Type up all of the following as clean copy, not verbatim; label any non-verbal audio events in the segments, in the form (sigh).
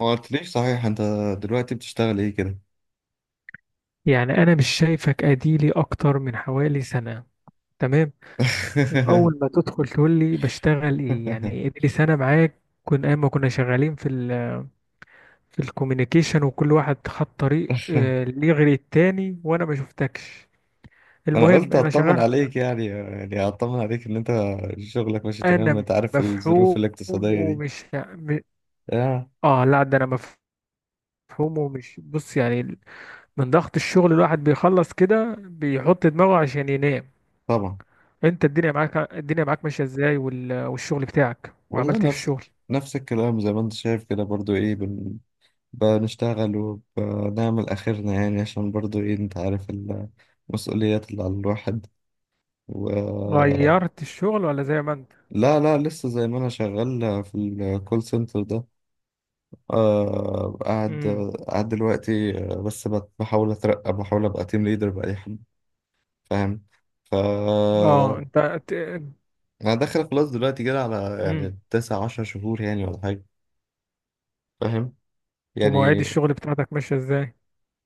ما قلتليش صحيح انت؟ دلوقتي بتشتغل ايه كده؟ يعني انا مش شايفك، اديلي اكتر من حوالي سنة. تمام. واول (laughs) ما تدخل تقول لي بشتغل ايه، يعني اديلي سنة. معاك كنا ايام ما كنا شغالين في الكوميونيكيشن، وكل واحد خد طريق ليه غير التاني، وانا ما شفتكش. انا المهم قلت انا اطمن شغال. عليك، يعني اطمن عليك ان انت شغلك ماشي تمام. انا انت عارف الظروف مفهوم الاقتصادية دي. ومش م- اه اه لا، ده انا مفهوم. ومش بص يعني، من ضغط الشغل الواحد بيخلص كده بيحط دماغه عشان ينام. طبعا. انت الدنيا معاك، الدنيا معاك ماشيه ازاي؟ والشغل بتاعك، والله وعملت ايه في نفس الشغل؟ نفس الكلام زي ما انت شايف كده، برضو ايه بنشتغل وبنعمل اخرنا، يعني عشان برضو ايه انت عارف المسؤوليات اللي على الواحد. و غيرت الشغل ولا زي ما انت؟ لا لا، لسه زي ما انا شغال في الكول سنتر ده. آه، قاعد امم. قاعد دلوقتي، بس بحاول اترقى، بحاول ابقى تيم ليدر بأي حد، فاهم؟ ف اه انت. انا داخل خلاص دلوقتي كده على امم. يعني 19 شهور، يعني ولا حاجة، فاهم ومواعيد يعني. الشغل بتاعتك ماشيه ازاي؟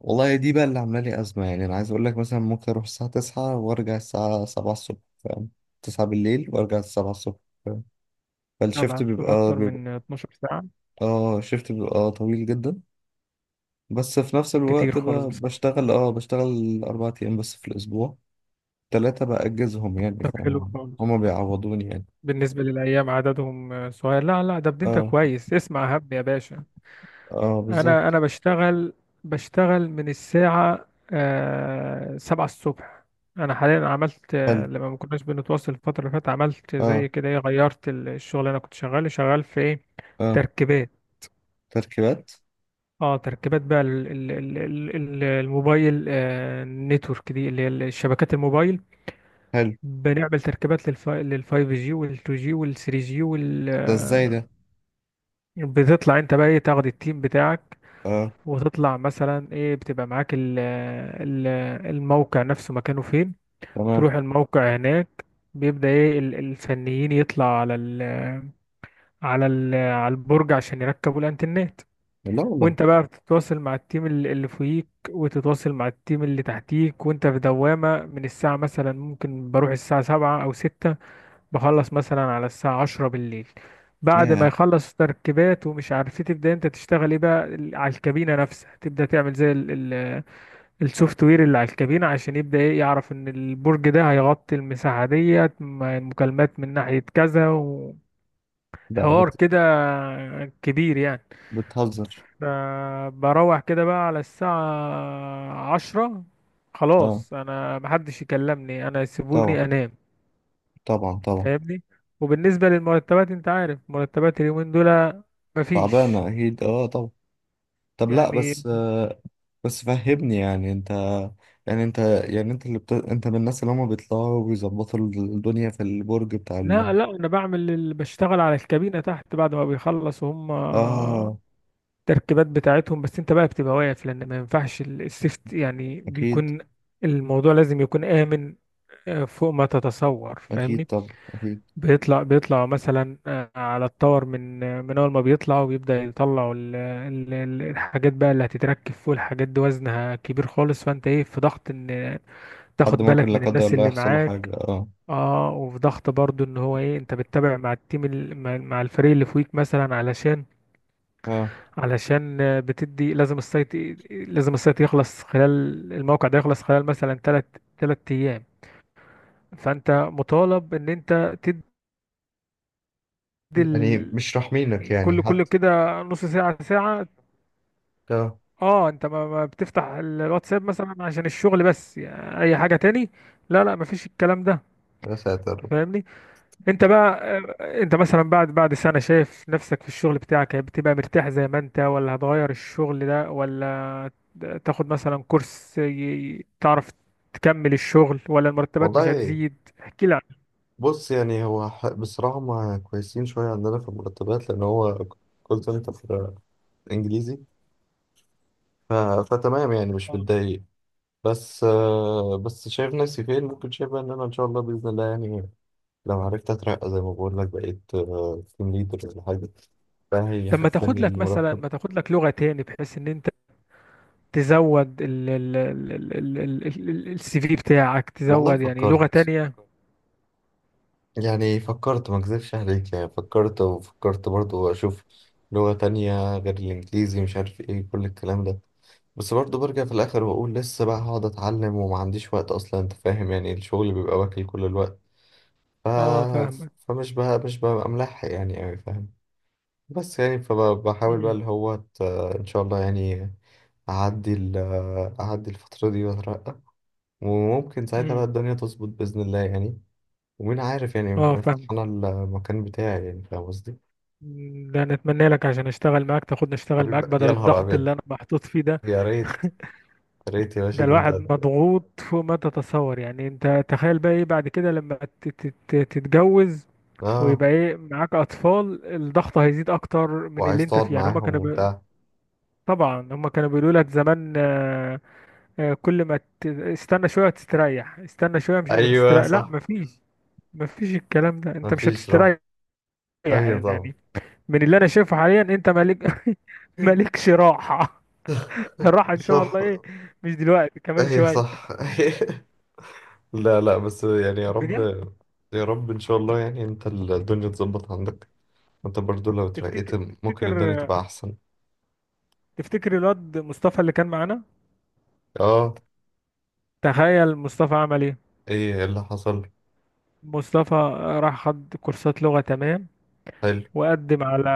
والله دي بقى اللي عاملة لي أزمة. يعني أنا عايز أقول لك مثلا ممكن أروح الساعة 9 وأرجع الساعة 7 الصبح، فاهم؟ 9 بالليل وأرجع الـ7 الصبح، فاهم؟ طبعا فالشيفت بتبقى بيبقى اكتر بيبقى من 12 ساعه، اه، الشيفت بيبقى طويل جدا. بس في نفس كتير الوقت خالص بصراحه. بشتغل، اه بشتغل 4 أيام بس في الأسبوع. 3 بأجزهم يعني، طب حلو فاهم؟ خالص. هما بيعوضوني يعني. بالنسبه للايام عددهم صغير. لا لا، ده بدي انت اه كويس، اسمع هب يا باشا. اه انا بالظبط. انا بشتغل، بشتغل من الساعة 7 الصبح. انا حاليا عملت حلو. لما ما كناش بنتواصل الفترة اللي فاتت، عملت اه زي كده ايه، غيرت الشغل اللي انا كنت شغال. شغال في ايه؟ اه تركيبات. تركيبات. اه، تركيبات بقى الموبايل، نتورك دي، اللي هي الشبكات الموبايل. حلو. بنعمل تركيبات للفايف جي وال2 جي وال3 جي وال 5G 2G ده ازاي ده؟ بتطلع انت بقى ايه، تاخد التيم بتاعك، اه. وتطلع مثلا ايه بتبقى معاك ال ال الموقع نفسه مكانه فين. تمام. تروح الموقع هناك، بيبدأ ايه الفنيين يطلع على ال، على البرج عشان يركبوا الانترنت. لا والله. وانت بقى بتتواصل مع التيم اللي فوقيك، وتتواصل مع التيم اللي تحتيك، وانت في دوامة. من الساعة مثلا ممكن بروح الساعة 7 أو 6، بخلص مثلا على الساعة 10 بالليل، بعد ما ياه. يخلص تركيبات ومش عارف ايه، تبدأ انت تشتغل ايه بقى على الكابينة نفسها، تبدأ تعمل زي السوفت وير اللي على الكابينة، عشان يبدأ ايه يعرف ان البرج ده هيغطي المساحة ديت، المكالمات من ناحية كذا، ده بت... وحوار كده كبير يعني. بتهزر. بروح كده بقى على الساعة 10، اه خلاص انا محدش يكلمني، انا طبعا. سيبوني انام طبعا طبعا. فاهمني. وبالنسبة للمرتبات، انت عارف مرتبات اليومين دول، مفيش تعبانة أكيد، اه طبعا. طب لا يعني. بس آه، بس فهمني يعني. انت يعني انت، يعني انت اللي انت من الناس اللي هما بيطلعوا وبيظبطوا الدنيا في البرج بتاع ال...؟ لا لا، انا بعمل بشتغل على الكابينة تحت بعد ما بيخلصوا هم اه التركيبات بتاعتهم. بس انت بقى بتبقى واقف، لان ما ينفعش السيفت يعني، اكيد. بيكون الموضوع لازم يكون آمن، فوق ما تتصور اكيد فاهمني. طبعا اكيد. بيطلع مثلا على التور، من اول ما بيطلع، وبيبدأ يطلعوا الحاجات بقى اللي هتتركب فوق. الحاجات دي وزنها كبير خالص، فانت ايه، في ضغط ان حد تاخد ممكن بالك لا من قدر الناس الله اللي يحصل له معاك. حاجة، اه. اه، وفي ضغط برضو ان هو ايه، انت بتتابع مع التيم مع الفريق اللي فوقيك مثلا، علشان اه. بتدي لازم السايت، لازم السايت يخلص خلال، الموقع ده يخلص خلال مثلا تلات، تلات ايام. فانت مطالب ان انت تدي يعني مش راحمينك يعني كل حتى. كده نص ساعة، ساعة. اه. اه انت، ما بتفتح الواتساب مثلا عشان الشغل، بس يعني اي حاجة تاني، لا لا مفيش الكلام ده يا ساتر. فاهمني. انت بقى انت مثلا بعد سنة شايف نفسك في الشغل بتاعك، يعني بتبقى مرتاح زي ما انت، ولا هتغير الشغل ده، ولا تاخد مثلا كورس تعرف تكمل الشغل، ولا المرتبات مش والله هتزيد؟ احكي لي عن. بص يعني هو بصراحة ما كويسين شوية عندنا في المرتبات، لأن هو كول سنتر إنجليزي. ف... فتمام يعني، مش آه. متضايق. بس بس شايف نفسي فين. ممكن شايف بقى إن أنا إن شاء الله بإذن الله يعني، لو عرفت أترقى زي ما بقول لك بقيت تيم ليدر ولا حاجة، طب، فهيحسن لي المرتب. ما تاخد لك لغة تاني، بحيث ان انت تزود ال السي في بتاعك، والله تزود يعني لغة فكرت. تانية. يعني فكرت، ما اكذبش عليك، يعني فكرت وفكرت برضو اشوف لغة تانية غير الانجليزي، مش عارف ايه كل الكلام ده. بس برضو برجع في الاخر واقول لسه بقى، هقعد اتعلم وما عنديش وقت اصلا. انت فاهم يعني، الشغل بيبقى واكل كل الوقت. ف... اه فاهمك. فمش بقى مش ببقى ملحق يعني اوي، فاهم؟ بس يعني فبحاول بقى امم. اللي هو ان شاء الله يعني اعدي ال... اعدي الفترة دي واترقى، وممكن ساعتها بقى امم. الدنيا تظبط بإذن الله يعني. ومين عارف يعني، اه يمكن افتح فاهم. انا المكان بتاعي يعني، فاهم قصدي؟ ده نتمنى لك عشان اشتغل معاك، نشتغل حبيبي معاك بدل يا نهار الضغط ابيض. اللي انا محطوط فيه ده. يا ريت يا ريت يا باشا. ده ده انت الواحد مضغوط فوق ما تتصور، يعني انت تخيل بقى ايه بعد كده لما تتجوز، اه. ويبقى ايه معاك اطفال؟ الضغط هيزيد اكتر من اللي وعايز انت تقعد فيه، يعني هما معاهم كانوا بي. وبتاع. طبعا هما كانوا بيقولوا لك زمان كل ما استنى شوية وتستريح، استنى شوية مش ايوه وتستريح لا صح. مفيش. مفيش الكلام ده، انت مش مفيش هتستريح راحه. ايوه يعني. طبعا. من اللي انا شايفه حاليا، انت مالك (laughs) (laughs) مالكش راحة. الراحة ان شاء صح. الله ايه، مش دلوقتي، كمان ايوه شوية. صح. (laughs) لا لا، بس يعني يا رب. بجد، يا رب ان شاء الله يعني انت الدنيا تظبط عندك. انت برضو لو اترقيت تفتكر، ممكن تفتكر، الدنيا تبقى احسن. تفتكر الواد مصطفى اللي كان معانا؟ اه. تخيل مصطفى عمل ايه. ايه اللي حصل؟ مصطفى راح خد كورسات لغة، تمام، حلو. وقدم على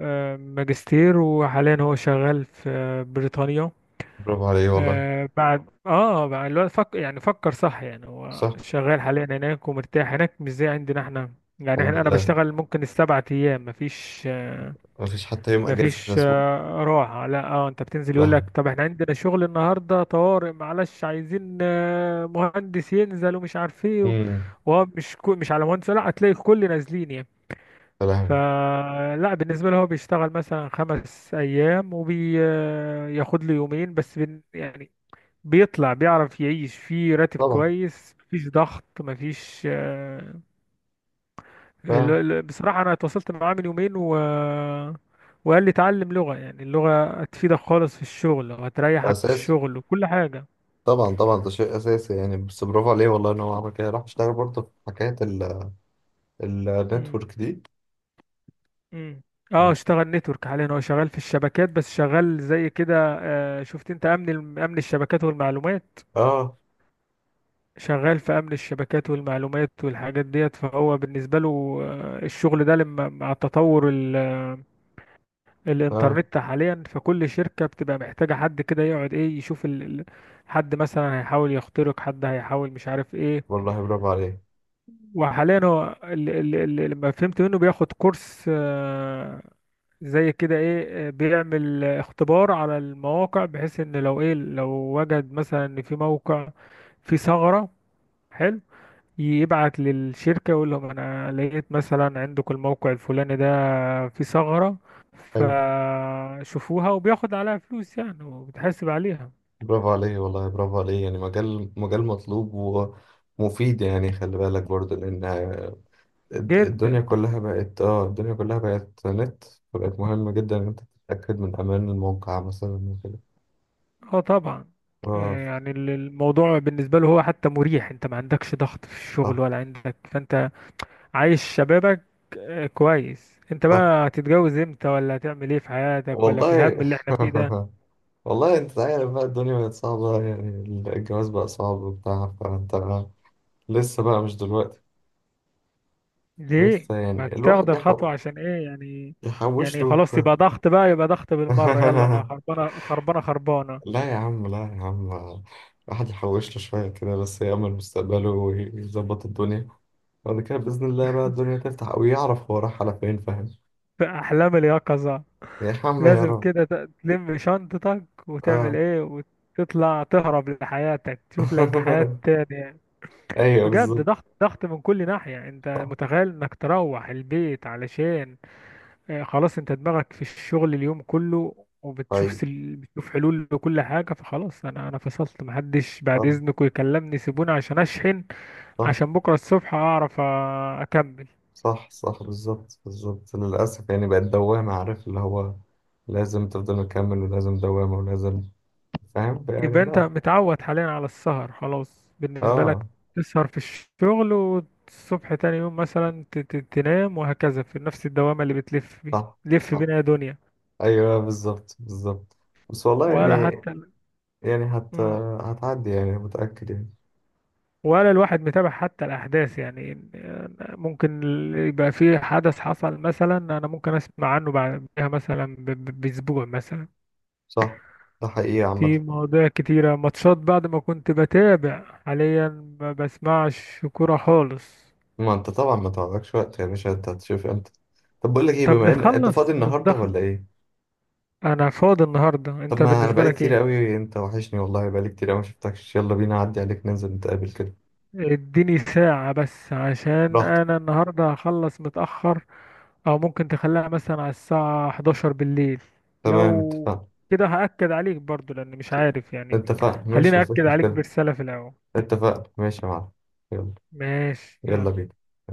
ماجستير، وحاليا هو شغال في بريطانيا. برافو عليه والله. بعد الوقت، يعني فكر صح يعني. هو صح. شغال حاليا هناك، ومرتاح هناك، مش زي عندنا احنا. يعني الحمد احنا، لله، بشتغل ممكن السبعة ايام مفيش ما فيش حتى يوم اجازه في مفيش الاسبوع. راحة، لا. اه انت بتنزل، يا يقول لك لهوي. طب احنا عندنا شغل النهاردة طوارئ معلش، عايزين مهندس ينزل ومش عارف ايه امم. وهو مش على مهندس، لا هتلاقي الكل نازلين يعني. يا لهوي. فلا، بالنسبة له هو بيشتغل مثلا 5 أيام، وبياخد له يومين بس، يعني بيطلع، بيعرف يعيش، في راتب طبعا كويس، مفيش ضغط، مفيش طبعا. بصراحة أنا اتواصلت معاه من يومين وقال لي اتعلم لغة، يعني اللغة هتفيدك خالص في الشغل، وهتريحك في اساسي. الشغل وكل حاجة. طبعا طبعا، ده شيء اساسي يعني. بس برافو عليه والله ان هو عمل كده، راح اشتغل برضه في حكايه امم. النتورك دي. امم. اه، اشتغل نتورك. حاليا هو شغال في الشبكات بس، شغال زي كده شفت، انت امن امن الشبكات والمعلومات، اه. شغال في امن الشبكات والمعلومات والحاجات ديت. فهو بالنسبة له الشغل ده لما مع التطور، اه الانترنت حاليا في كل شركة بتبقى محتاجة حد كده، يقعد ايه يشوف حد مثلا هيحاول يخترق، حد هيحاول مش عارف ايه. والله برافو عليه. وحاليا هو لما فهمت منه بياخد كورس زي كده ايه بيعمل اختبار على المواقع، بحيث ان لو ايه، وجد مثلا ان في موقع فيه ثغرة، حلو، يبعت للشركة يقول لهم أنا لقيت مثلا عندكم الموقع الفلاني ده فيه ثغرة، حلو. فشوفوها، وبياخد عليها فلوس يعني، وبتحاسب عليها. برافو عليه والله، برافو عليه. يعني مجال، مجال مطلوب ومفيد يعني. خلي بالك برضه، لان الدنيا جدا. كلها بقت اه، الدنيا كلها بقت نت. فبقت مهمة جدا ان انت تتأكد من امان الموقع مثلا وكده. اه طبعا، اه. يعني الموضوع بالنسبة له هو حتى مريح، انت ما عندكش ضغط في الشغل ولا عندك، فانت عايش شبابك كويس. انت آه، بقى هتتجوز امتى، ولا هتعمل ايه في حياتك، ولا في الهم والله. اللي احنا فيه ده؟ (laughs) والله انت عارف بقى الدنيا بقت صعبة يعني. الجواز بقى صعب وبتاع، فانت لسه بقى، مش دلوقتي. ليه لسه ما يعني تاخد الواحد الخطوة، عشان ايه يعني؟ يحوش يعني له (laughs) خلاص يبقى ضغط بقى، يبقى ضغط بالمرة، يلا ما خربانة، خربانة، خربانة. لا يا عم لا يا عم، الواحد يحوش له شوية كده، بس يأمل مستقبله ويظبط الدنيا، بعد كده بإذن الله بقى الدنيا تفتح ويعرف هو راح على فين، فاهم؟ في أحلام اليقظة، يا عم يا لازم رب. كده تلم شنطتك وتعمل اه. ايه، وتطلع تهرب لحياتك، تشوف لك حياة (laughs) تانية. ايوه بجد، بالظبط. ضغط، ضغط من كل ناحية. انت صح. متخيل انك تروح البيت علشان خلاص، انت دماغك في الشغل اليوم كله، وبتشوف طيب. بتشوف حلول لكل حاجة، فخلاص انا فصلت، محدش بعد اه. اذنكم يكلمني، سيبوني عشان اشحن صح عشان بكرة الصبح اعرف اكمل. صح. صح بالظبط بالظبط. للأسف يعني بقت دوامة، عارف اللي هو لازم تفضل مكمل، ولازم دوامة، ولازم، فاهم يعني؟ يبقى انت لا متعود حاليا على السهر، خلاص بالنسبة لك اه تسهر في الشغل، والصبح تاني يوم مثلا تنام، وهكذا في نفس الدوامة اللي بتلف بيه، صح لف صح. بينا يا دنيا. أيوه بالظبط بالظبط. بس والله ولا يعني، حتى. يعني مم. هتعدي يعني، متأكد يعني. ولا الواحد متابع حتى الأحداث يعني، ممكن يبقى في حدث حصل مثلا، أنا ممكن أسمع عنه بعدها مثلا بأسبوع مثلا. صح. ده حقيقة في عامة. مواضيع كتيرة، ماتشات بعد ما كنت بتابع، حاليا ما بسمعش كورة خالص. ما أنت طبعا ما تعرفش وقت يا باشا، أنت هتشوف أنت. طب بقول لك إيه، طب بما إن أنت فاضي نتخلص من النهاردة الضغط؟ ولا إيه؟ أنا فاضي النهاردة، طب أنت ما أنا بالنسبة بقالي لك كتير إيه؟ قوي، أنت وحشني والله، بقالي كتير قوي ما شفتكش. يلا بينا أعدي عليك، ننزل نتقابل كده. اديني ساعة بس، عشان براحتك. انا النهاردة هخلص متأخر، او ممكن تخليها مثلا على الساعة 11 بالليل. تمام، لو اتفقنا. كده، هأكد عليك برضو لان مش عارف يعني، اتفقنا ماشي، خليني مفيش أأكد عليك مشكلة. برسالة في الاول. اتفقنا ماشي يا معلم. يلا. ماشي، يلا يلا. بينا.